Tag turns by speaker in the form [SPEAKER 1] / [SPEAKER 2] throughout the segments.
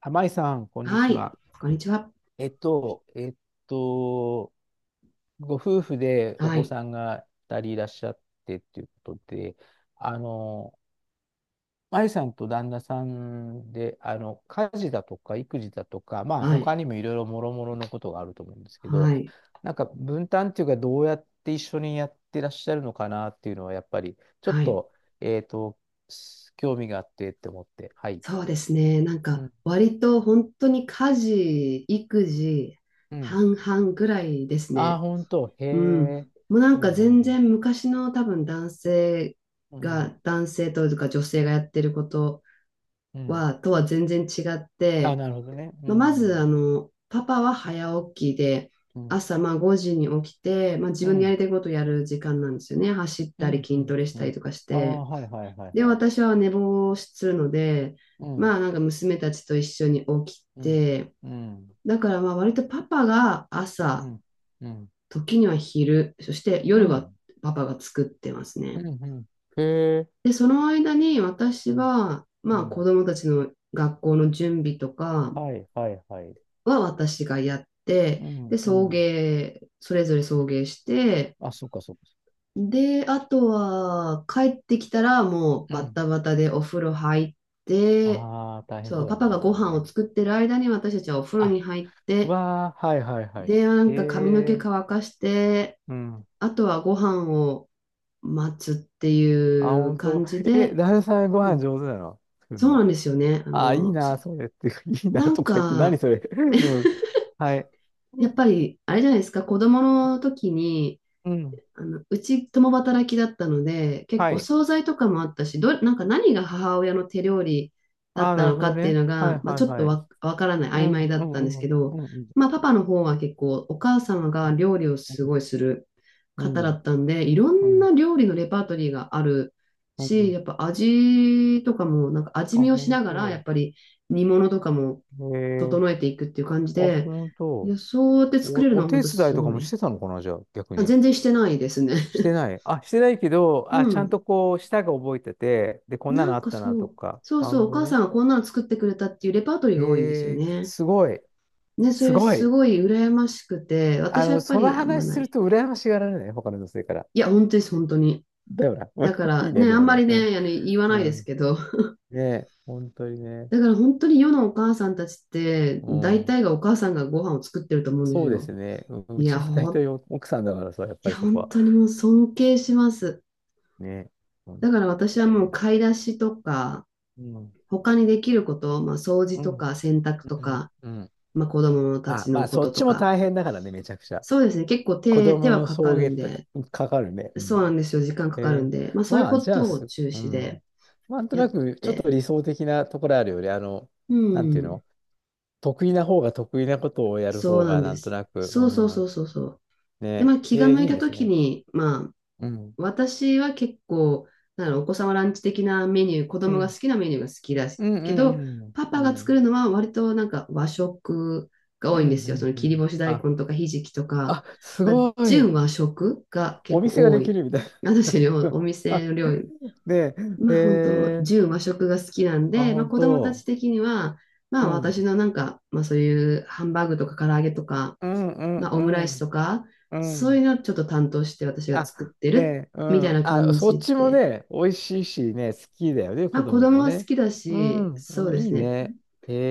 [SPEAKER 1] 玉井さん、こんに
[SPEAKER 2] は
[SPEAKER 1] ち
[SPEAKER 2] い。
[SPEAKER 1] は。
[SPEAKER 2] こんにちは。
[SPEAKER 1] えっと、えっと、ご夫婦でお
[SPEAKER 2] は
[SPEAKER 1] 子
[SPEAKER 2] い。
[SPEAKER 1] さんが2人いらっしゃってっていうことで、あの、舞さんと旦那さんで、家事だとか育児だとか、まあ、
[SPEAKER 2] は
[SPEAKER 1] 他
[SPEAKER 2] い。
[SPEAKER 1] にもいろいろもろもろのことがあると思うんですけど、
[SPEAKER 2] はい。
[SPEAKER 1] なんか分担っていうか、どうやって一緒にやってらっしゃるのかなっていうのは、やっぱり、ちょっ
[SPEAKER 2] はい。
[SPEAKER 1] と、えっと、興味があってって思って、はい。
[SPEAKER 2] そうですね。
[SPEAKER 1] うん。
[SPEAKER 2] 割と本当に家事、育児、
[SPEAKER 1] うん、
[SPEAKER 2] 半々ぐらいです
[SPEAKER 1] ああ、
[SPEAKER 2] ね。
[SPEAKER 1] 本当。へ
[SPEAKER 2] うん。
[SPEAKER 1] え。
[SPEAKER 2] もう
[SPEAKER 1] うん、
[SPEAKER 2] 全
[SPEAKER 1] うん、
[SPEAKER 2] 然昔の多分男性
[SPEAKER 1] うん。うん、
[SPEAKER 2] が、男性というか女性がやってること
[SPEAKER 1] うん、
[SPEAKER 2] は、とは全然違っ
[SPEAKER 1] あ、
[SPEAKER 2] て、
[SPEAKER 1] なるほどね。う
[SPEAKER 2] まず、
[SPEAKER 1] ん。
[SPEAKER 2] パパは早起きで、
[SPEAKER 1] うん。
[SPEAKER 2] 朝まあ5時に起きて、まあ、自
[SPEAKER 1] う
[SPEAKER 2] 分のや
[SPEAKER 1] ん。
[SPEAKER 2] りたいことをやる時間なんですよね。走っ
[SPEAKER 1] う
[SPEAKER 2] たり
[SPEAKER 1] ん。う
[SPEAKER 2] 筋
[SPEAKER 1] ん。
[SPEAKER 2] トレし
[SPEAKER 1] う
[SPEAKER 2] たり
[SPEAKER 1] ん、
[SPEAKER 2] とかし
[SPEAKER 1] ああ、
[SPEAKER 2] て。
[SPEAKER 1] はいはいはい
[SPEAKER 2] で、
[SPEAKER 1] はい。
[SPEAKER 2] 私は寝坊するので、
[SPEAKER 1] うん。
[SPEAKER 2] 娘たちと一緒に起き
[SPEAKER 1] うん。
[SPEAKER 2] て、
[SPEAKER 1] うん。
[SPEAKER 2] だからまあ割とパパが
[SPEAKER 1] う
[SPEAKER 2] 朝、
[SPEAKER 1] ん。うん。
[SPEAKER 2] 時には昼、そして
[SPEAKER 1] う
[SPEAKER 2] 夜は
[SPEAKER 1] ん。
[SPEAKER 2] パパが作ってます
[SPEAKER 1] う
[SPEAKER 2] ね。
[SPEAKER 1] ん。うん、へえ。
[SPEAKER 2] で、その間に私
[SPEAKER 1] うん。
[SPEAKER 2] は、
[SPEAKER 1] う
[SPEAKER 2] まあ子
[SPEAKER 1] ん。
[SPEAKER 2] 供たちの学校の準備とか
[SPEAKER 1] はいはいはい。
[SPEAKER 2] は私がやって、
[SPEAKER 1] うん。
[SPEAKER 2] で、
[SPEAKER 1] う
[SPEAKER 2] 送
[SPEAKER 1] ん。
[SPEAKER 2] 迎、それぞれ送迎して、
[SPEAKER 1] あ、そっかそっか。
[SPEAKER 2] で、あとは帰ってきたらもう
[SPEAKER 1] う
[SPEAKER 2] バ
[SPEAKER 1] ん。
[SPEAKER 2] タバタでお風呂入って、
[SPEAKER 1] ああ、大変
[SPEAKER 2] そ
[SPEAKER 1] そ
[SPEAKER 2] う、
[SPEAKER 1] う
[SPEAKER 2] パ
[SPEAKER 1] だ
[SPEAKER 2] パ
[SPEAKER 1] ね、
[SPEAKER 2] が
[SPEAKER 1] そ
[SPEAKER 2] ご
[SPEAKER 1] こ
[SPEAKER 2] 飯を
[SPEAKER 1] ね。
[SPEAKER 2] 作ってる間に私たちはお風呂
[SPEAKER 1] あ、
[SPEAKER 2] に入って、
[SPEAKER 1] わあ、はいはいはい。
[SPEAKER 2] で、
[SPEAKER 1] へ
[SPEAKER 2] 髪の毛
[SPEAKER 1] え。
[SPEAKER 2] 乾かして、
[SPEAKER 1] うん。
[SPEAKER 2] あとはご飯を待つってい
[SPEAKER 1] あ、
[SPEAKER 2] う
[SPEAKER 1] 本当。
[SPEAKER 2] 感じ
[SPEAKER 1] え、
[SPEAKER 2] で、
[SPEAKER 1] 旦那さんご
[SPEAKER 2] う
[SPEAKER 1] 飯
[SPEAKER 2] ん、
[SPEAKER 1] 上手なの作る
[SPEAKER 2] そうな
[SPEAKER 1] の。
[SPEAKER 2] んですよね。あ
[SPEAKER 1] あ、いい
[SPEAKER 2] の、そ
[SPEAKER 1] な、それって、いいな
[SPEAKER 2] なん
[SPEAKER 1] とか言って、何
[SPEAKER 2] か、
[SPEAKER 1] それ。うん。はい。
[SPEAKER 2] や
[SPEAKER 1] う
[SPEAKER 2] っ
[SPEAKER 1] ん。
[SPEAKER 2] ぱり、あれじゃないですか、子供の時に、
[SPEAKER 1] うん、
[SPEAKER 2] あの、うち共働きだったので、結
[SPEAKER 1] は
[SPEAKER 2] 構
[SPEAKER 1] い。
[SPEAKER 2] 惣菜とかもあったし、ど、なんか何が母親の手料理だ
[SPEAKER 1] あ
[SPEAKER 2] っ
[SPEAKER 1] あ、
[SPEAKER 2] た
[SPEAKER 1] なる
[SPEAKER 2] の
[SPEAKER 1] ほ
[SPEAKER 2] か
[SPEAKER 1] ど
[SPEAKER 2] っていう
[SPEAKER 1] ね。
[SPEAKER 2] の
[SPEAKER 1] は
[SPEAKER 2] が、
[SPEAKER 1] い
[SPEAKER 2] まあ、
[SPEAKER 1] はい
[SPEAKER 2] ちょっと
[SPEAKER 1] はい。
[SPEAKER 2] わ、わからな
[SPEAKER 1] う
[SPEAKER 2] い、曖
[SPEAKER 1] ん、
[SPEAKER 2] 昧だ
[SPEAKER 1] う
[SPEAKER 2] ったんで
[SPEAKER 1] ん、
[SPEAKER 2] す
[SPEAKER 1] う
[SPEAKER 2] け
[SPEAKER 1] ん、う
[SPEAKER 2] ど、
[SPEAKER 1] ん、
[SPEAKER 2] まあ、パパの方は結構お母様が料理を
[SPEAKER 1] う
[SPEAKER 2] す
[SPEAKER 1] ん、
[SPEAKER 2] ごいする
[SPEAKER 1] う
[SPEAKER 2] 方だ
[SPEAKER 1] ん、
[SPEAKER 2] ったんで、いろ
[SPEAKER 1] う
[SPEAKER 2] ん
[SPEAKER 1] ん、
[SPEAKER 2] な料理のレパートリーがある
[SPEAKER 1] う
[SPEAKER 2] し、
[SPEAKER 1] ん。
[SPEAKER 2] やっぱ味とかも、味
[SPEAKER 1] あ、
[SPEAKER 2] 見をしながら、やっぱり煮物とかも
[SPEAKER 1] へえ、
[SPEAKER 2] 整えていくっていう感じ
[SPEAKER 1] あ、
[SPEAKER 2] で、
[SPEAKER 1] 本
[SPEAKER 2] い
[SPEAKER 1] 当。
[SPEAKER 2] や、そうやって作れる
[SPEAKER 1] お、
[SPEAKER 2] の
[SPEAKER 1] お
[SPEAKER 2] は本
[SPEAKER 1] 手
[SPEAKER 2] 当
[SPEAKER 1] 伝い
[SPEAKER 2] す
[SPEAKER 1] とか
[SPEAKER 2] ご
[SPEAKER 1] もし
[SPEAKER 2] い。
[SPEAKER 1] てたのかな、じゃあ、逆
[SPEAKER 2] あ、
[SPEAKER 1] に。
[SPEAKER 2] 全然してないですね。
[SPEAKER 1] してない。あ、してないけど、
[SPEAKER 2] う
[SPEAKER 1] あ、ちゃん
[SPEAKER 2] ん。
[SPEAKER 1] とこう、舌が覚えてて、で、こんな
[SPEAKER 2] な
[SPEAKER 1] の
[SPEAKER 2] ん
[SPEAKER 1] あっ
[SPEAKER 2] か
[SPEAKER 1] たな
[SPEAKER 2] そ
[SPEAKER 1] と
[SPEAKER 2] う、
[SPEAKER 1] か。
[SPEAKER 2] そう
[SPEAKER 1] な
[SPEAKER 2] そ
[SPEAKER 1] る
[SPEAKER 2] う、お
[SPEAKER 1] ほど
[SPEAKER 2] 母さ
[SPEAKER 1] ね。
[SPEAKER 2] んがこんなの作ってくれたっていうレパートリーが多いんですよ
[SPEAKER 1] へえ、
[SPEAKER 2] ね。
[SPEAKER 1] すごい。
[SPEAKER 2] ね、そ
[SPEAKER 1] す
[SPEAKER 2] れ
[SPEAKER 1] ご
[SPEAKER 2] す
[SPEAKER 1] い。
[SPEAKER 2] ごい羨ましくて、
[SPEAKER 1] あ
[SPEAKER 2] 私は
[SPEAKER 1] の、
[SPEAKER 2] やっぱ
[SPEAKER 1] その
[SPEAKER 2] りあんま
[SPEAKER 1] 話
[SPEAKER 2] な
[SPEAKER 1] する
[SPEAKER 2] い。
[SPEAKER 1] と羨ましがられない、他の女性から。
[SPEAKER 2] いや、本当です、本当に。
[SPEAKER 1] だよな。
[SPEAKER 2] だか
[SPEAKER 1] いい
[SPEAKER 2] ら
[SPEAKER 1] ね、
[SPEAKER 2] ね、
[SPEAKER 1] で
[SPEAKER 2] あ
[SPEAKER 1] も
[SPEAKER 2] んま
[SPEAKER 1] ね。
[SPEAKER 2] り
[SPEAKER 1] うん。
[SPEAKER 2] ね、あの、言わ
[SPEAKER 1] う
[SPEAKER 2] ないです
[SPEAKER 1] ん。
[SPEAKER 2] けど、
[SPEAKER 1] ねえ、本当にね。
[SPEAKER 2] だから本当に世のお母さんたちって、
[SPEAKER 1] う
[SPEAKER 2] 大
[SPEAKER 1] ん。
[SPEAKER 2] 体がお母さんがご飯を作ってると思うんです
[SPEAKER 1] そうで
[SPEAKER 2] よ。
[SPEAKER 1] すね。うん、う
[SPEAKER 2] い
[SPEAKER 1] ち
[SPEAKER 2] や、
[SPEAKER 1] も大
[SPEAKER 2] ほ
[SPEAKER 1] 体
[SPEAKER 2] ん、
[SPEAKER 1] お奥さんだからさ、やっ
[SPEAKER 2] い
[SPEAKER 1] ぱり
[SPEAKER 2] や、
[SPEAKER 1] そこ
[SPEAKER 2] 本
[SPEAKER 1] は。
[SPEAKER 2] 当にもう尊敬します。
[SPEAKER 1] ね。本
[SPEAKER 2] だか
[SPEAKER 1] 当。
[SPEAKER 2] ら
[SPEAKER 1] い
[SPEAKER 2] 私は
[SPEAKER 1] やい
[SPEAKER 2] もう
[SPEAKER 1] や。
[SPEAKER 2] 買い出しとか、
[SPEAKER 1] うん。
[SPEAKER 2] 他にできること、まあ、掃除
[SPEAKER 1] う
[SPEAKER 2] と
[SPEAKER 1] ん。
[SPEAKER 2] か洗濯と
[SPEAKER 1] うん。
[SPEAKER 2] か、
[SPEAKER 1] うん。
[SPEAKER 2] まあ、子供た
[SPEAKER 1] あ、
[SPEAKER 2] ち
[SPEAKER 1] ま
[SPEAKER 2] の
[SPEAKER 1] あ、
[SPEAKER 2] こ
[SPEAKER 1] そっ
[SPEAKER 2] と
[SPEAKER 1] ち
[SPEAKER 2] と
[SPEAKER 1] も
[SPEAKER 2] か、
[SPEAKER 1] 大変だからね、めちゃくちゃ。
[SPEAKER 2] そうですね。結構
[SPEAKER 1] 子
[SPEAKER 2] 手、手
[SPEAKER 1] 供
[SPEAKER 2] は
[SPEAKER 1] の
[SPEAKER 2] か
[SPEAKER 1] 送
[SPEAKER 2] かるん
[SPEAKER 1] 迎とか、
[SPEAKER 2] で、
[SPEAKER 1] かかるね。う
[SPEAKER 2] そうな
[SPEAKER 1] ん。
[SPEAKER 2] んですよ。時間かかる
[SPEAKER 1] え
[SPEAKER 2] ん
[SPEAKER 1] ー、
[SPEAKER 2] で、まあそういう
[SPEAKER 1] まあ、
[SPEAKER 2] こ
[SPEAKER 1] じゃあ
[SPEAKER 2] とを
[SPEAKER 1] す、
[SPEAKER 2] 中
[SPEAKER 1] う
[SPEAKER 2] 止
[SPEAKER 1] ん。
[SPEAKER 2] で
[SPEAKER 1] なんと
[SPEAKER 2] や
[SPEAKER 1] な
[SPEAKER 2] っ
[SPEAKER 1] く、ちょっと
[SPEAKER 2] て、
[SPEAKER 1] 理想的なところあるよね。
[SPEAKER 2] う
[SPEAKER 1] なんていう
[SPEAKER 2] ん、
[SPEAKER 1] の、得意な方が得意なことをやる
[SPEAKER 2] そう
[SPEAKER 1] 方
[SPEAKER 2] な
[SPEAKER 1] が
[SPEAKER 2] ん
[SPEAKER 1] な
[SPEAKER 2] で
[SPEAKER 1] んと
[SPEAKER 2] す。
[SPEAKER 1] なく、う
[SPEAKER 2] そうそうそ
[SPEAKER 1] ん。
[SPEAKER 2] うそうそう。で、
[SPEAKER 1] ね。
[SPEAKER 2] まあ気が
[SPEAKER 1] えー、
[SPEAKER 2] 向い
[SPEAKER 1] いい
[SPEAKER 2] た
[SPEAKER 1] です
[SPEAKER 2] 時
[SPEAKER 1] ね。
[SPEAKER 2] に、まあ
[SPEAKER 1] うん。
[SPEAKER 2] 私は結構、なんだろう、お子様ランチ的なメニュー、子
[SPEAKER 1] う
[SPEAKER 2] 供が
[SPEAKER 1] ん。
[SPEAKER 2] 好きなメニューが好きだ
[SPEAKER 1] うん
[SPEAKER 2] け
[SPEAKER 1] う
[SPEAKER 2] ど、
[SPEAKER 1] ん
[SPEAKER 2] パ
[SPEAKER 1] うん。
[SPEAKER 2] パ
[SPEAKER 1] う
[SPEAKER 2] が作
[SPEAKER 1] ん。
[SPEAKER 2] るのは割と和食が
[SPEAKER 1] う
[SPEAKER 2] 多いんで
[SPEAKER 1] んう
[SPEAKER 2] すよ。そ
[SPEAKER 1] ん
[SPEAKER 2] の
[SPEAKER 1] う
[SPEAKER 2] 切り
[SPEAKER 1] ん。
[SPEAKER 2] 干し大
[SPEAKER 1] あ、
[SPEAKER 2] 根とかひじきとか、
[SPEAKER 1] あ、す
[SPEAKER 2] まあ、
[SPEAKER 1] ごい。
[SPEAKER 2] 純和食が
[SPEAKER 1] お
[SPEAKER 2] 結
[SPEAKER 1] 店が
[SPEAKER 2] 構多
[SPEAKER 1] でき
[SPEAKER 2] い。
[SPEAKER 1] るみたい
[SPEAKER 2] 私の
[SPEAKER 1] な。
[SPEAKER 2] お
[SPEAKER 1] あ、
[SPEAKER 2] 店の料理、
[SPEAKER 1] ね
[SPEAKER 2] ま
[SPEAKER 1] え、へ
[SPEAKER 2] あ本当、
[SPEAKER 1] え、
[SPEAKER 2] 純和食が好きなん
[SPEAKER 1] あ、
[SPEAKER 2] で、まあ
[SPEAKER 1] 本
[SPEAKER 2] 子供たち
[SPEAKER 1] 当。
[SPEAKER 2] 的には、ま
[SPEAKER 1] う
[SPEAKER 2] あ
[SPEAKER 1] ん。
[SPEAKER 2] 私のまあそういうハンバーグとか唐揚げとか、
[SPEAKER 1] うんうん
[SPEAKER 2] まあ
[SPEAKER 1] う
[SPEAKER 2] オムライス
[SPEAKER 1] ん。
[SPEAKER 2] とか、
[SPEAKER 1] う
[SPEAKER 2] そうい
[SPEAKER 1] ん。
[SPEAKER 2] うのをちょっと担当して私が
[SPEAKER 1] あ、
[SPEAKER 2] 作って
[SPEAKER 1] ね
[SPEAKER 2] る
[SPEAKER 1] え、う
[SPEAKER 2] みたい
[SPEAKER 1] ん。
[SPEAKER 2] な
[SPEAKER 1] あ、
[SPEAKER 2] 感
[SPEAKER 1] そっ
[SPEAKER 2] じ
[SPEAKER 1] ちも
[SPEAKER 2] で、
[SPEAKER 1] ね、美味しいしね、好きだよね、
[SPEAKER 2] ま
[SPEAKER 1] 子
[SPEAKER 2] あ子
[SPEAKER 1] 供
[SPEAKER 2] 供
[SPEAKER 1] も
[SPEAKER 2] は好
[SPEAKER 1] ね。
[SPEAKER 2] きだ
[SPEAKER 1] う
[SPEAKER 2] し、
[SPEAKER 1] ん、
[SPEAKER 2] そう
[SPEAKER 1] うん、
[SPEAKER 2] で
[SPEAKER 1] い
[SPEAKER 2] す
[SPEAKER 1] い
[SPEAKER 2] ね。
[SPEAKER 1] ね。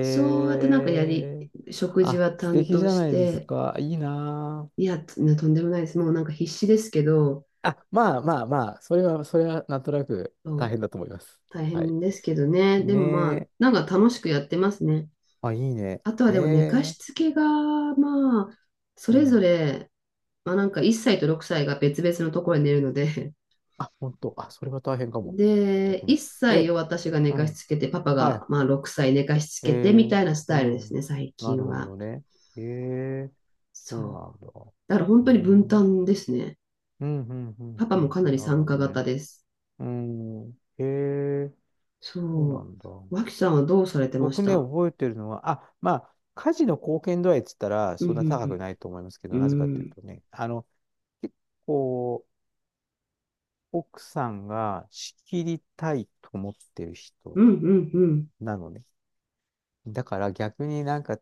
[SPEAKER 2] そうやってなんかやり、
[SPEAKER 1] え。
[SPEAKER 2] 食事
[SPEAKER 1] あ、
[SPEAKER 2] は
[SPEAKER 1] 素
[SPEAKER 2] 担
[SPEAKER 1] 敵じ
[SPEAKER 2] 当
[SPEAKER 1] ゃ
[SPEAKER 2] し
[SPEAKER 1] ないです
[SPEAKER 2] て、
[SPEAKER 1] か。いいな
[SPEAKER 2] いや、とんでもないです。もう必死ですけど、
[SPEAKER 1] あ。あ、まあまあまあ、それは、それはなんとなく
[SPEAKER 2] そ
[SPEAKER 1] 大
[SPEAKER 2] う
[SPEAKER 1] 変だと思います。
[SPEAKER 2] 大
[SPEAKER 1] はい。
[SPEAKER 2] 変ですけどね。でもまあ、
[SPEAKER 1] ねえ。
[SPEAKER 2] 楽しくやってますね。
[SPEAKER 1] あ、いいね。
[SPEAKER 2] あとは
[SPEAKER 1] え
[SPEAKER 2] でも寝か
[SPEAKER 1] え。
[SPEAKER 2] しつけが、まあ、そ
[SPEAKER 1] う
[SPEAKER 2] れぞ
[SPEAKER 1] ん。
[SPEAKER 2] れ、1歳と6歳が別々のところに寝るので、
[SPEAKER 1] あ、本当。あ、それは大変か も。
[SPEAKER 2] で、
[SPEAKER 1] 逆
[SPEAKER 2] 1
[SPEAKER 1] に。
[SPEAKER 2] 歳
[SPEAKER 1] え、
[SPEAKER 2] を私が寝
[SPEAKER 1] う
[SPEAKER 2] かし
[SPEAKER 1] ん。
[SPEAKER 2] つけて、パパ
[SPEAKER 1] はい、
[SPEAKER 2] がまあ6歳寝かしつ
[SPEAKER 1] え
[SPEAKER 2] けてみ
[SPEAKER 1] え、
[SPEAKER 2] たいなス
[SPEAKER 1] う
[SPEAKER 2] タイルです
[SPEAKER 1] ん。
[SPEAKER 2] ね、最
[SPEAKER 1] なる
[SPEAKER 2] 近
[SPEAKER 1] ほ
[SPEAKER 2] は。
[SPEAKER 1] どね。ええ、
[SPEAKER 2] そ
[SPEAKER 1] そうなんだ。
[SPEAKER 2] う。だから本
[SPEAKER 1] う
[SPEAKER 2] 当に分
[SPEAKER 1] ん。
[SPEAKER 2] 担ですね。
[SPEAKER 1] うん、うん、うん、
[SPEAKER 2] パパ
[SPEAKER 1] う
[SPEAKER 2] も
[SPEAKER 1] ん。
[SPEAKER 2] かなり
[SPEAKER 1] なる
[SPEAKER 2] 参
[SPEAKER 1] ほ
[SPEAKER 2] 加
[SPEAKER 1] ど
[SPEAKER 2] 型
[SPEAKER 1] ね。
[SPEAKER 2] です。
[SPEAKER 1] うん。ええ、そうな
[SPEAKER 2] そ
[SPEAKER 1] んだ。
[SPEAKER 2] う。脇さんはどうされてまし
[SPEAKER 1] 僕ね、
[SPEAKER 2] た？
[SPEAKER 1] 覚えてるのは、あ、まあ、家事の貢献度合いっつったら、
[SPEAKER 2] う
[SPEAKER 1] そんな高く
[SPEAKER 2] ん、
[SPEAKER 1] ないと思いますけ
[SPEAKER 2] うん、う
[SPEAKER 1] ど、なぜかという
[SPEAKER 2] ん。
[SPEAKER 1] とね、結構、奥さんが仕切りたいと思ってる人
[SPEAKER 2] うん、うん、うん、うん。
[SPEAKER 1] なのね。だから逆になんか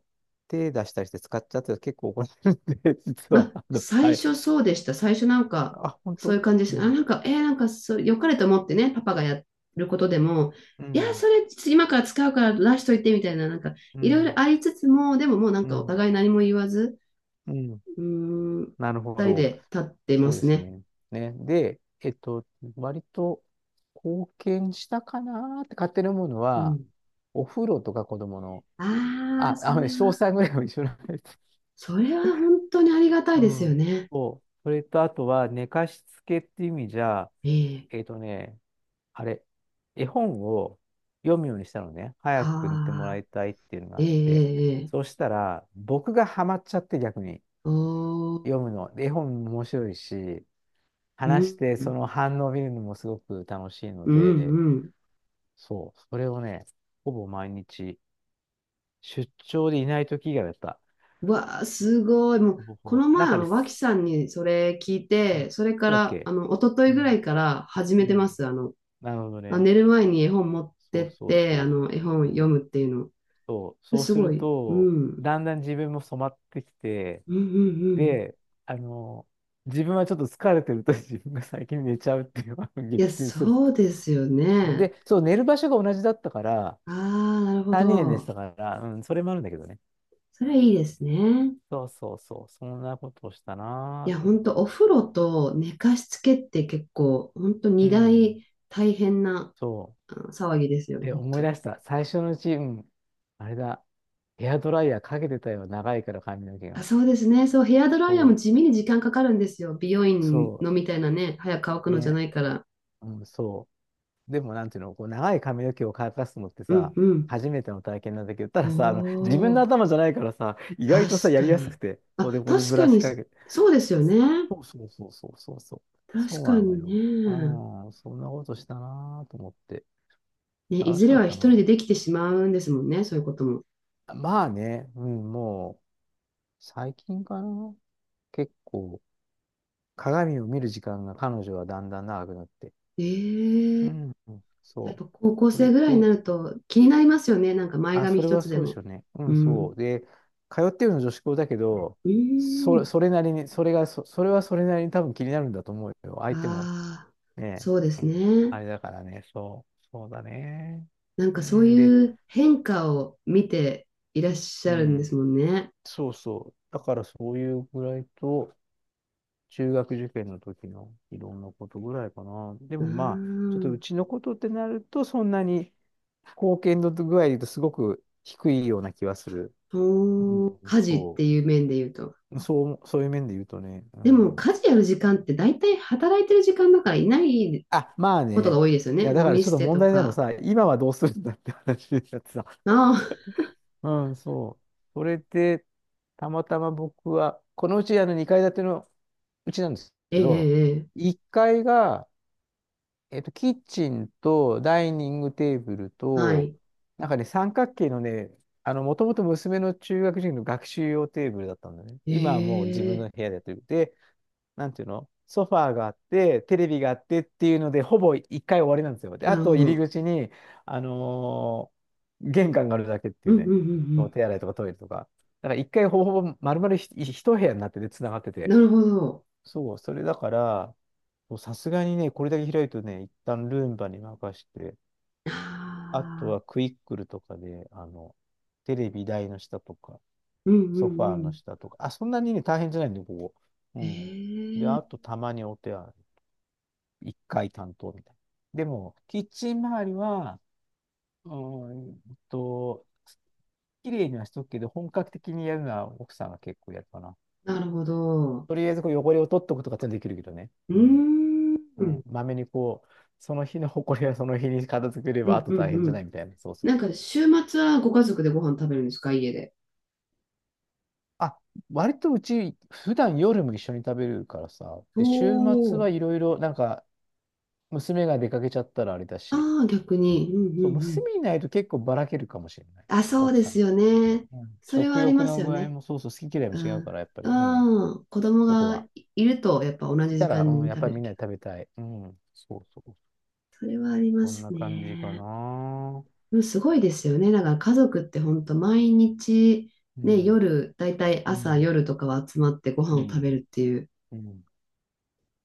[SPEAKER 1] 手出したりして使っちゃって結構怒られるんで、実
[SPEAKER 2] ま
[SPEAKER 1] は、
[SPEAKER 2] あ、
[SPEAKER 1] は
[SPEAKER 2] 最初
[SPEAKER 1] い。
[SPEAKER 2] そうでした。最初
[SPEAKER 1] あ、本
[SPEAKER 2] そうい
[SPEAKER 1] 当。
[SPEAKER 2] う感じで
[SPEAKER 1] う
[SPEAKER 2] した。あ、
[SPEAKER 1] ん、
[SPEAKER 2] 良かれと思ってね、パパがやることでも、
[SPEAKER 1] う
[SPEAKER 2] いや、
[SPEAKER 1] ん、
[SPEAKER 2] それ今から使うから出しといてみたいな、なんか、
[SPEAKER 1] う
[SPEAKER 2] いろいろ
[SPEAKER 1] ん、
[SPEAKER 2] ありつつも、でももう
[SPEAKER 1] う
[SPEAKER 2] お
[SPEAKER 1] ん、
[SPEAKER 2] 互い何も言わず、
[SPEAKER 1] うん。
[SPEAKER 2] うーん、二
[SPEAKER 1] なるほ
[SPEAKER 2] 人
[SPEAKER 1] ど。
[SPEAKER 2] で立ってま
[SPEAKER 1] そうで
[SPEAKER 2] す
[SPEAKER 1] す
[SPEAKER 2] ね。
[SPEAKER 1] ね。ね。で、えっと、割と貢献したかなーって勝手に思うの
[SPEAKER 2] う
[SPEAKER 1] は、
[SPEAKER 2] ん。
[SPEAKER 1] お風呂とか子供の、
[SPEAKER 2] ああ、
[SPEAKER 1] あ、
[SPEAKER 2] そ
[SPEAKER 1] あのね、
[SPEAKER 2] れ
[SPEAKER 1] 詳
[SPEAKER 2] は、
[SPEAKER 1] 細ぐらいは一緒なんです。
[SPEAKER 2] それは本当にありがたい
[SPEAKER 1] う
[SPEAKER 2] ですよ
[SPEAKER 1] ん。
[SPEAKER 2] ね。
[SPEAKER 1] そう。それとあとは寝かしつけっていう意味じゃ、
[SPEAKER 2] ええ、
[SPEAKER 1] えっとね、あれ、絵本を読むようにしたのね。
[SPEAKER 2] は
[SPEAKER 1] 早く見てもら
[SPEAKER 2] あ、
[SPEAKER 1] いたいっていうのがあ
[SPEAKER 2] ええ、
[SPEAKER 1] って。
[SPEAKER 2] ええ、
[SPEAKER 1] そうしたら、僕がハマっちゃって逆に
[SPEAKER 2] おー、
[SPEAKER 1] 読むの。で、絵本も面白いし、
[SPEAKER 2] う
[SPEAKER 1] 話してそ
[SPEAKER 2] ん、
[SPEAKER 1] の反応を見るのもすごく楽しいの
[SPEAKER 2] うん、
[SPEAKER 1] で、
[SPEAKER 2] うん。
[SPEAKER 1] そう、それをね、ほぼ毎日、出張でいない時以外だった。
[SPEAKER 2] うわあ、すごい。もう、
[SPEAKER 1] ほぼほ
[SPEAKER 2] こ
[SPEAKER 1] ぼ。
[SPEAKER 2] の前、あ
[SPEAKER 1] 中で
[SPEAKER 2] の、脇
[SPEAKER 1] す。
[SPEAKER 2] さんにそれ聞い
[SPEAKER 1] うん、そ
[SPEAKER 2] て、それか
[SPEAKER 1] うだっ
[SPEAKER 2] ら、
[SPEAKER 1] け、
[SPEAKER 2] あの、一昨日
[SPEAKER 1] う
[SPEAKER 2] ぐら
[SPEAKER 1] ん。
[SPEAKER 2] いから始
[SPEAKER 1] う
[SPEAKER 2] めてま
[SPEAKER 1] ん。
[SPEAKER 2] す。あの、
[SPEAKER 1] なるほど
[SPEAKER 2] あ、
[SPEAKER 1] ね。
[SPEAKER 2] 寝る前に絵本持っ
[SPEAKER 1] そ
[SPEAKER 2] て
[SPEAKER 1] う
[SPEAKER 2] っ
[SPEAKER 1] そう
[SPEAKER 2] て、あ
[SPEAKER 1] そ
[SPEAKER 2] の、絵本
[SPEAKER 1] う。う
[SPEAKER 2] 読
[SPEAKER 1] ん、
[SPEAKER 2] むっていうの。
[SPEAKER 1] そう、そう
[SPEAKER 2] す
[SPEAKER 1] す
[SPEAKER 2] ご
[SPEAKER 1] る
[SPEAKER 2] い。う
[SPEAKER 1] と、
[SPEAKER 2] ん。
[SPEAKER 1] だんだん自分も染まってきて、
[SPEAKER 2] うんうんうん。
[SPEAKER 1] で、あの、自分はちょっと疲れてると 自分が最近寝ちゃうっていうのを
[SPEAKER 2] いや、
[SPEAKER 1] 撃沈するっ
[SPEAKER 2] そ
[SPEAKER 1] て、
[SPEAKER 2] うですよ
[SPEAKER 1] そう。
[SPEAKER 2] ね。
[SPEAKER 1] で、そう、寝る場所が同じだったから、
[SPEAKER 2] ああ、なるほ
[SPEAKER 1] 3年で寝て
[SPEAKER 2] ど。
[SPEAKER 1] たから、うん、それもあるんだけどね。
[SPEAKER 2] それはいいですね。
[SPEAKER 1] そうそうそう、そんなことをした
[SPEAKER 2] い
[SPEAKER 1] な
[SPEAKER 2] や、
[SPEAKER 1] ぁと
[SPEAKER 2] ほ
[SPEAKER 1] 思
[SPEAKER 2] んと、お風呂と寝かしつけって結構、ほんと、
[SPEAKER 1] う。う
[SPEAKER 2] 二
[SPEAKER 1] ん、
[SPEAKER 2] 大大変な
[SPEAKER 1] そ
[SPEAKER 2] あの騒ぎですよ。
[SPEAKER 1] う。で、思い出した。最初のうち、うん、あれだ、ヘアドライヤーかけてたよ、長いから髪の毛
[SPEAKER 2] あ、
[SPEAKER 1] が。
[SPEAKER 2] そうですね。そう、ヘアドライヤーも
[SPEAKER 1] そ
[SPEAKER 2] 地味に時間かかるんですよ。美容
[SPEAKER 1] う、
[SPEAKER 2] 院
[SPEAKER 1] そ
[SPEAKER 2] のみたいなね、早く乾く
[SPEAKER 1] う、
[SPEAKER 2] のじゃ
[SPEAKER 1] ね、
[SPEAKER 2] ないから。
[SPEAKER 1] うん、そう。でも、なんていうの、こう長い髪の毛を乾かすのって
[SPEAKER 2] うん
[SPEAKER 1] さ、
[SPEAKER 2] うん。
[SPEAKER 1] 初めての体験なんだけど、た
[SPEAKER 2] お
[SPEAKER 1] ださ、自分の
[SPEAKER 2] お、
[SPEAKER 1] 頭じゃないからさ、意外とさ、
[SPEAKER 2] 確
[SPEAKER 1] やり
[SPEAKER 2] か
[SPEAKER 1] やすく
[SPEAKER 2] に。
[SPEAKER 1] て、そう
[SPEAKER 2] あ、
[SPEAKER 1] で、これ
[SPEAKER 2] 確
[SPEAKER 1] ブ
[SPEAKER 2] か
[SPEAKER 1] ラシ
[SPEAKER 2] に、
[SPEAKER 1] かけて。
[SPEAKER 2] そうですよね。
[SPEAKER 1] そうそうそうそうそうそう。そ
[SPEAKER 2] 確
[SPEAKER 1] う
[SPEAKER 2] か
[SPEAKER 1] なの
[SPEAKER 2] に
[SPEAKER 1] よ。
[SPEAKER 2] ね。
[SPEAKER 1] ああ、そんなことしたなーと思って。
[SPEAKER 2] ね、い
[SPEAKER 1] 楽し
[SPEAKER 2] ずれ
[SPEAKER 1] かっ
[SPEAKER 2] は
[SPEAKER 1] た
[SPEAKER 2] 一人で
[SPEAKER 1] な。
[SPEAKER 2] できてしまうんですもんね、そういうことも。
[SPEAKER 1] まあね、うん、もう、最近かな。結構、鏡を見る時間が彼女はだんだん長くなって。
[SPEAKER 2] ええ、
[SPEAKER 1] うん、
[SPEAKER 2] やっ
[SPEAKER 1] そう。
[SPEAKER 2] ぱ高校
[SPEAKER 1] それっ
[SPEAKER 2] 生ぐらいにな
[SPEAKER 1] て、
[SPEAKER 2] ると気になりますよね。前
[SPEAKER 1] あ、
[SPEAKER 2] 髪
[SPEAKER 1] それ
[SPEAKER 2] 一
[SPEAKER 1] は
[SPEAKER 2] つで
[SPEAKER 1] そうでし
[SPEAKER 2] も。
[SPEAKER 1] ょうね。う
[SPEAKER 2] う
[SPEAKER 1] ん、そ
[SPEAKER 2] ん。
[SPEAKER 1] う。で、通ってるの女子校だけど、
[SPEAKER 2] う
[SPEAKER 1] そ、
[SPEAKER 2] ん。
[SPEAKER 1] それなりに、それはそれなりに多分気になるんだと思うよ。相手も
[SPEAKER 2] ああ、
[SPEAKER 1] ね、
[SPEAKER 2] そうで
[SPEAKER 1] う
[SPEAKER 2] す
[SPEAKER 1] ん、あ
[SPEAKER 2] ね。
[SPEAKER 1] れだからね、そう、そうだね。う
[SPEAKER 2] そう
[SPEAKER 1] ん、で、
[SPEAKER 2] いう変化を見ていらっし
[SPEAKER 1] う
[SPEAKER 2] ゃるんで
[SPEAKER 1] ん、
[SPEAKER 2] すもんね。
[SPEAKER 1] そうそう。だからそういうぐらいと、中学受験の時のいろんなことぐらいかな。で
[SPEAKER 2] うー
[SPEAKER 1] もまあ、ちょっとう
[SPEAKER 2] ん。
[SPEAKER 1] ちのことってなると、そんなに貢献度具合で言うとすごく低いような気はする。う
[SPEAKER 2] おー、
[SPEAKER 1] ん、
[SPEAKER 2] 家事っ
[SPEAKER 1] そ
[SPEAKER 2] て
[SPEAKER 1] う。
[SPEAKER 2] いう面で言うと。
[SPEAKER 1] そう、そういう面で言うとね。う
[SPEAKER 2] でも
[SPEAKER 1] ん。
[SPEAKER 2] 家事やる時間って大体働いてる時間だからいない
[SPEAKER 1] あ、まあ
[SPEAKER 2] ことが
[SPEAKER 1] ね。
[SPEAKER 2] 多いですよ
[SPEAKER 1] い
[SPEAKER 2] ね。
[SPEAKER 1] や、だ
[SPEAKER 2] ゴ
[SPEAKER 1] から
[SPEAKER 2] ミ
[SPEAKER 1] ちょ
[SPEAKER 2] 捨
[SPEAKER 1] っと
[SPEAKER 2] て
[SPEAKER 1] 問
[SPEAKER 2] と
[SPEAKER 1] 題なの
[SPEAKER 2] か。
[SPEAKER 1] さ、今はどうするんだって話になってさ。
[SPEAKER 2] ああ、
[SPEAKER 1] うん、そう。それで、たまたま僕は、このうち2階建てのうちなんです
[SPEAKER 2] え
[SPEAKER 1] けど、
[SPEAKER 2] え、ええ、
[SPEAKER 1] 1階が、えっと、キッチンとダイニングテーブル
[SPEAKER 2] は
[SPEAKER 1] と、
[SPEAKER 2] い。
[SPEAKER 1] なんかね、三角形のね、もともと娘の中学時の学習用テーブルだったんだね。今はもう自分
[SPEAKER 2] ええ、
[SPEAKER 1] の部屋でやってる。で、なんていうの、ソファーがあって、テレビがあってっていうので、ほぼ一回終わりなんですよ。で、
[SPEAKER 2] な
[SPEAKER 1] あ
[SPEAKER 2] る
[SPEAKER 1] と
[SPEAKER 2] ほ
[SPEAKER 1] 入り
[SPEAKER 2] ど。
[SPEAKER 1] 口に、あのー玄関があるだけって
[SPEAKER 2] う
[SPEAKER 1] いう
[SPEAKER 2] んうんうん
[SPEAKER 1] ね、
[SPEAKER 2] う
[SPEAKER 1] そう、
[SPEAKER 2] ん。
[SPEAKER 1] 手洗いとかトイレとか。だから一回ほぼほぼ丸々一部屋になってて、繋がってて。
[SPEAKER 2] なるほど。
[SPEAKER 1] そう、それだから、そうさすがにね、これだけ開いとね、一旦ルンバに任して、
[SPEAKER 2] あ
[SPEAKER 1] あと
[SPEAKER 2] あ、
[SPEAKER 1] はクイックルとかで、テレビ台の下とか、
[SPEAKER 2] うんう
[SPEAKER 1] ソファー
[SPEAKER 2] んう
[SPEAKER 1] の
[SPEAKER 2] ん。
[SPEAKER 1] 下とか、あ、そんなにね、大変じゃないんで、ここ。うん。で、
[SPEAKER 2] ええ、
[SPEAKER 1] あとたまにお手洗い。一回担当みたいな。でも、キッチン周りは、うーんと、綺麗にはしとくけど、本格的にやるのは奥さんが結構やるかな。
[SPEAKER 2] なるほど。
[SPEAKER 1] とりあえずこう汚れを取っとくとかってできるけどね。
[SPEAKER 2] うー
[SPEAKER 1] うん。
[SPEAKER 2] ん。う
[SPEAKER 1] うん。
[SPEAKER 2] ん
[SPEAKER 1] まめにこう、その日の埃はその日に片付けれ
[SPEAKER 2] う
[SPEAKER 1] ば、あ
[SPEAKER 2] ん
[SPEAKER 1] と
[SPEAKER 2] う
[SPEAKER 1] 大変じゃな
[SPEAKER 2] ん。
[SPEAKER 1] いみたいな。そうそうそう。
[SPEAKER 2] 週末はご家族でご飯食べるんですか、家で。
[SPEAKER 1] あ、割とうち、普段夜も一緒に食べるからさ。
[SPEAKER 2] お
[SPEAKER 1] で、週末
[SPEAKER 2] ー。
[SPEAKER 1] はいろいろ、なんか、娘が出かけちゃったらあれだし。
[SPEAKER 2] ああ、逆に。うんうん
[SPEAKER 1] そ
[SPEAKER 2] う
[SPEAKER 1] う、
[SPEAKER 2] ん。
[SPEAKER 1] 娘いないと結構ばらけるかもしれない。
[SPEAKER 2] あ、そう
[SPEAKER 1] 奥
[SPEAKER 2] で
[SPEAKER 1] さ
[SPEAKER 2] す
[SPEAKER 1] ん。
[SPEAKER 2] よね。
[SPEAKER 1] うん、
[SPEAKER 2] それは
[SPEAKER 1] 食
[SPEAKER 2] あり
[SPEAKER 1] 欲
[SPEAKER 2] ます
[SPEAKER 1] の
[SPEAKER 2] よ
[SPEAKER 1] 具合
[SPEAKER 2] ね。
[SPEAKER 1] もそうそう、好き嫌いも
[SPEAKER 2] う
[SPEAKER 1] 違うか
[SPEAKER 2] ん。
[SPEAKER 1] ら、やっぱり、うん、
[SPEAKER 2] ああ、子供
[SPEAKER 1] そこは。
[SPEAKER 2] がいると、やっぱ同
[SPEAKER 1] い
[SPEAKER 2] じ時
[SPEAKER 1] たら、
[SPEAKER 2] 間
[SPEAKER 1] うん、
[SPEAKER 2] に
[SPEAKER 1] やっ
[SPEAKER 2] 食
[SPEAKER 1] ぱ
[SPEAKER 2] べ
[SPEAKER 1] りみ
[SPEAKER 2] る
[SPEAKER 1] ん
[SPEAKER 2] け
[SPEAKER 1] な
[SPEAKER 2] ど。
[SPEAKER 1] で食べたい。うん、そうそう。
[SPEAKER 2] それはありま
[SPEAKER 1] そん
[SPEAKER 2] す
[SPEAKER 1] な感じか
[SPEAKER 2] ね。
[SPEAKER 1] な。
[SPEAKER 2] でもすごいですよね。だから家族って本当毎日、
[SPEAKER 1] う
[SPEAKER 2] ね、
[SPEAKER 1] ん、
[SPEAKER 2] 夜、だいたい
[SPEAKER 1] う
[SPEAKER 2] 朝、
[SPEAKER 1] ん、
[SPEAKER 2] 夜とかは集まってご飯
[SPEAKER 1] う
[SPEAKER 2] を食
[SPEAKER 1] ん、
[SPEAKER 2] べるっていう、
[SPEAKER 1] うん。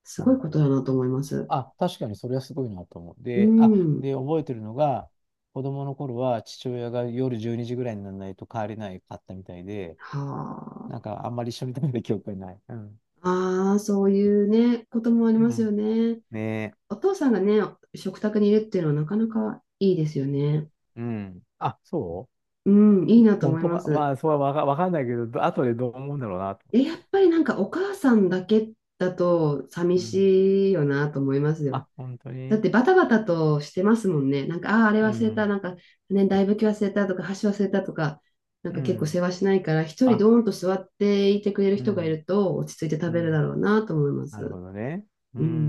[SPEAKER 2] す
[SPEAKER 1] な
[SPEAKER 2] ごい
[SPEAKER 1] る
[SPEAKER 2] こ
[SPEAKER 1] ほ
[SPEAKER 2] とだ
[SPEAKER 1] ど。
[SPEAKER 2] なと思います。
[SPEAKER 1] あ、確かにそれはすごいなと思う。
[SPEAKER 2] う
[SPEAKER 1] で、あ、
[SPEAKER 2] ん。
[SPEAKER 1] で、覚えてるのが、子供の頃は父親が夜12時ぐらいにならないと帰れないかったみたいで、
[SPEAKER 2] は
[SPEAKER 1] なん
[SPEAKER 2] あ。
[SPEAKER 1] かあんまり一緒に食べた記憶がない。うん。
[SPEAKER 2] ああ、そういうね、こともあり
[SPEAKER 1] う
[SPEAKER 2] ますよ
[SPEAKER 1] ん。
[SPEAKER 2] ね。
[SPEAKER 1] ねえ。
[SPEAKER 2] お父さんがね、食卓にいるっていうのはなかなかいいですよね。
[SPEAKER 1] うん。あ、そう、
[SPEAKER 2] うん、いいなと
[SPEAKER 1] 本
[SPEAKER 2] 思い
[SPEAKER 1] 当
[SPEAKER 2] ま
[SPEAKER 1] か、
[SPEAKER 2] す。
[SPEAKER 1] まあ、それはわかんないけど、後でどう思うんだろうなと。
[SPEAKER 2] え、やっぱりお母さんだけだと寂
[SPEAKER 1] うん。
[SPEAKER 2] しいよなと思いますよ。
[SPEAKER 1] あ、本当
[SPEAKER 2] だっ
[SPEAKER 1] に、
[SPEAKER 2] てバタバタとしてますもんね。なんか、ああ、あれ
[SPEAKER 1] う
[SPEAKER 2] 忘れた、
[SPEAKER 1] ん。
[SPEAKER 2] なんか、ね、大ぶき忘れたとか、箸忘れたとか、
[SPEAKER 1] う
[SPEAKER 2] 結構世
[SPEAKER 1] ん。
[SPEAKER 2] 話しないから、一人
[SPEAKER 1] あ、
[SPEAKER 2] ドーンと座っていてくれる
[SPEAKER 1] う
[SPEAKER 2] 人がい
[SPEAKER 1] ん。
[SPEAKER 2] ると落ち着いて食
[SPEAKER 1] う
[SPEAKER 2] べるだ
[SPEAKER 1] ん。
[SPEAKER 2] ろうなと思いま
[SPEAKER 1] なる
[SPEAKER 2] す。
[SPEAKER 1] ほどね。う
[SPEAKER 2] う
[SPEAKER 1] ん。
[SPEAKER 2] ん。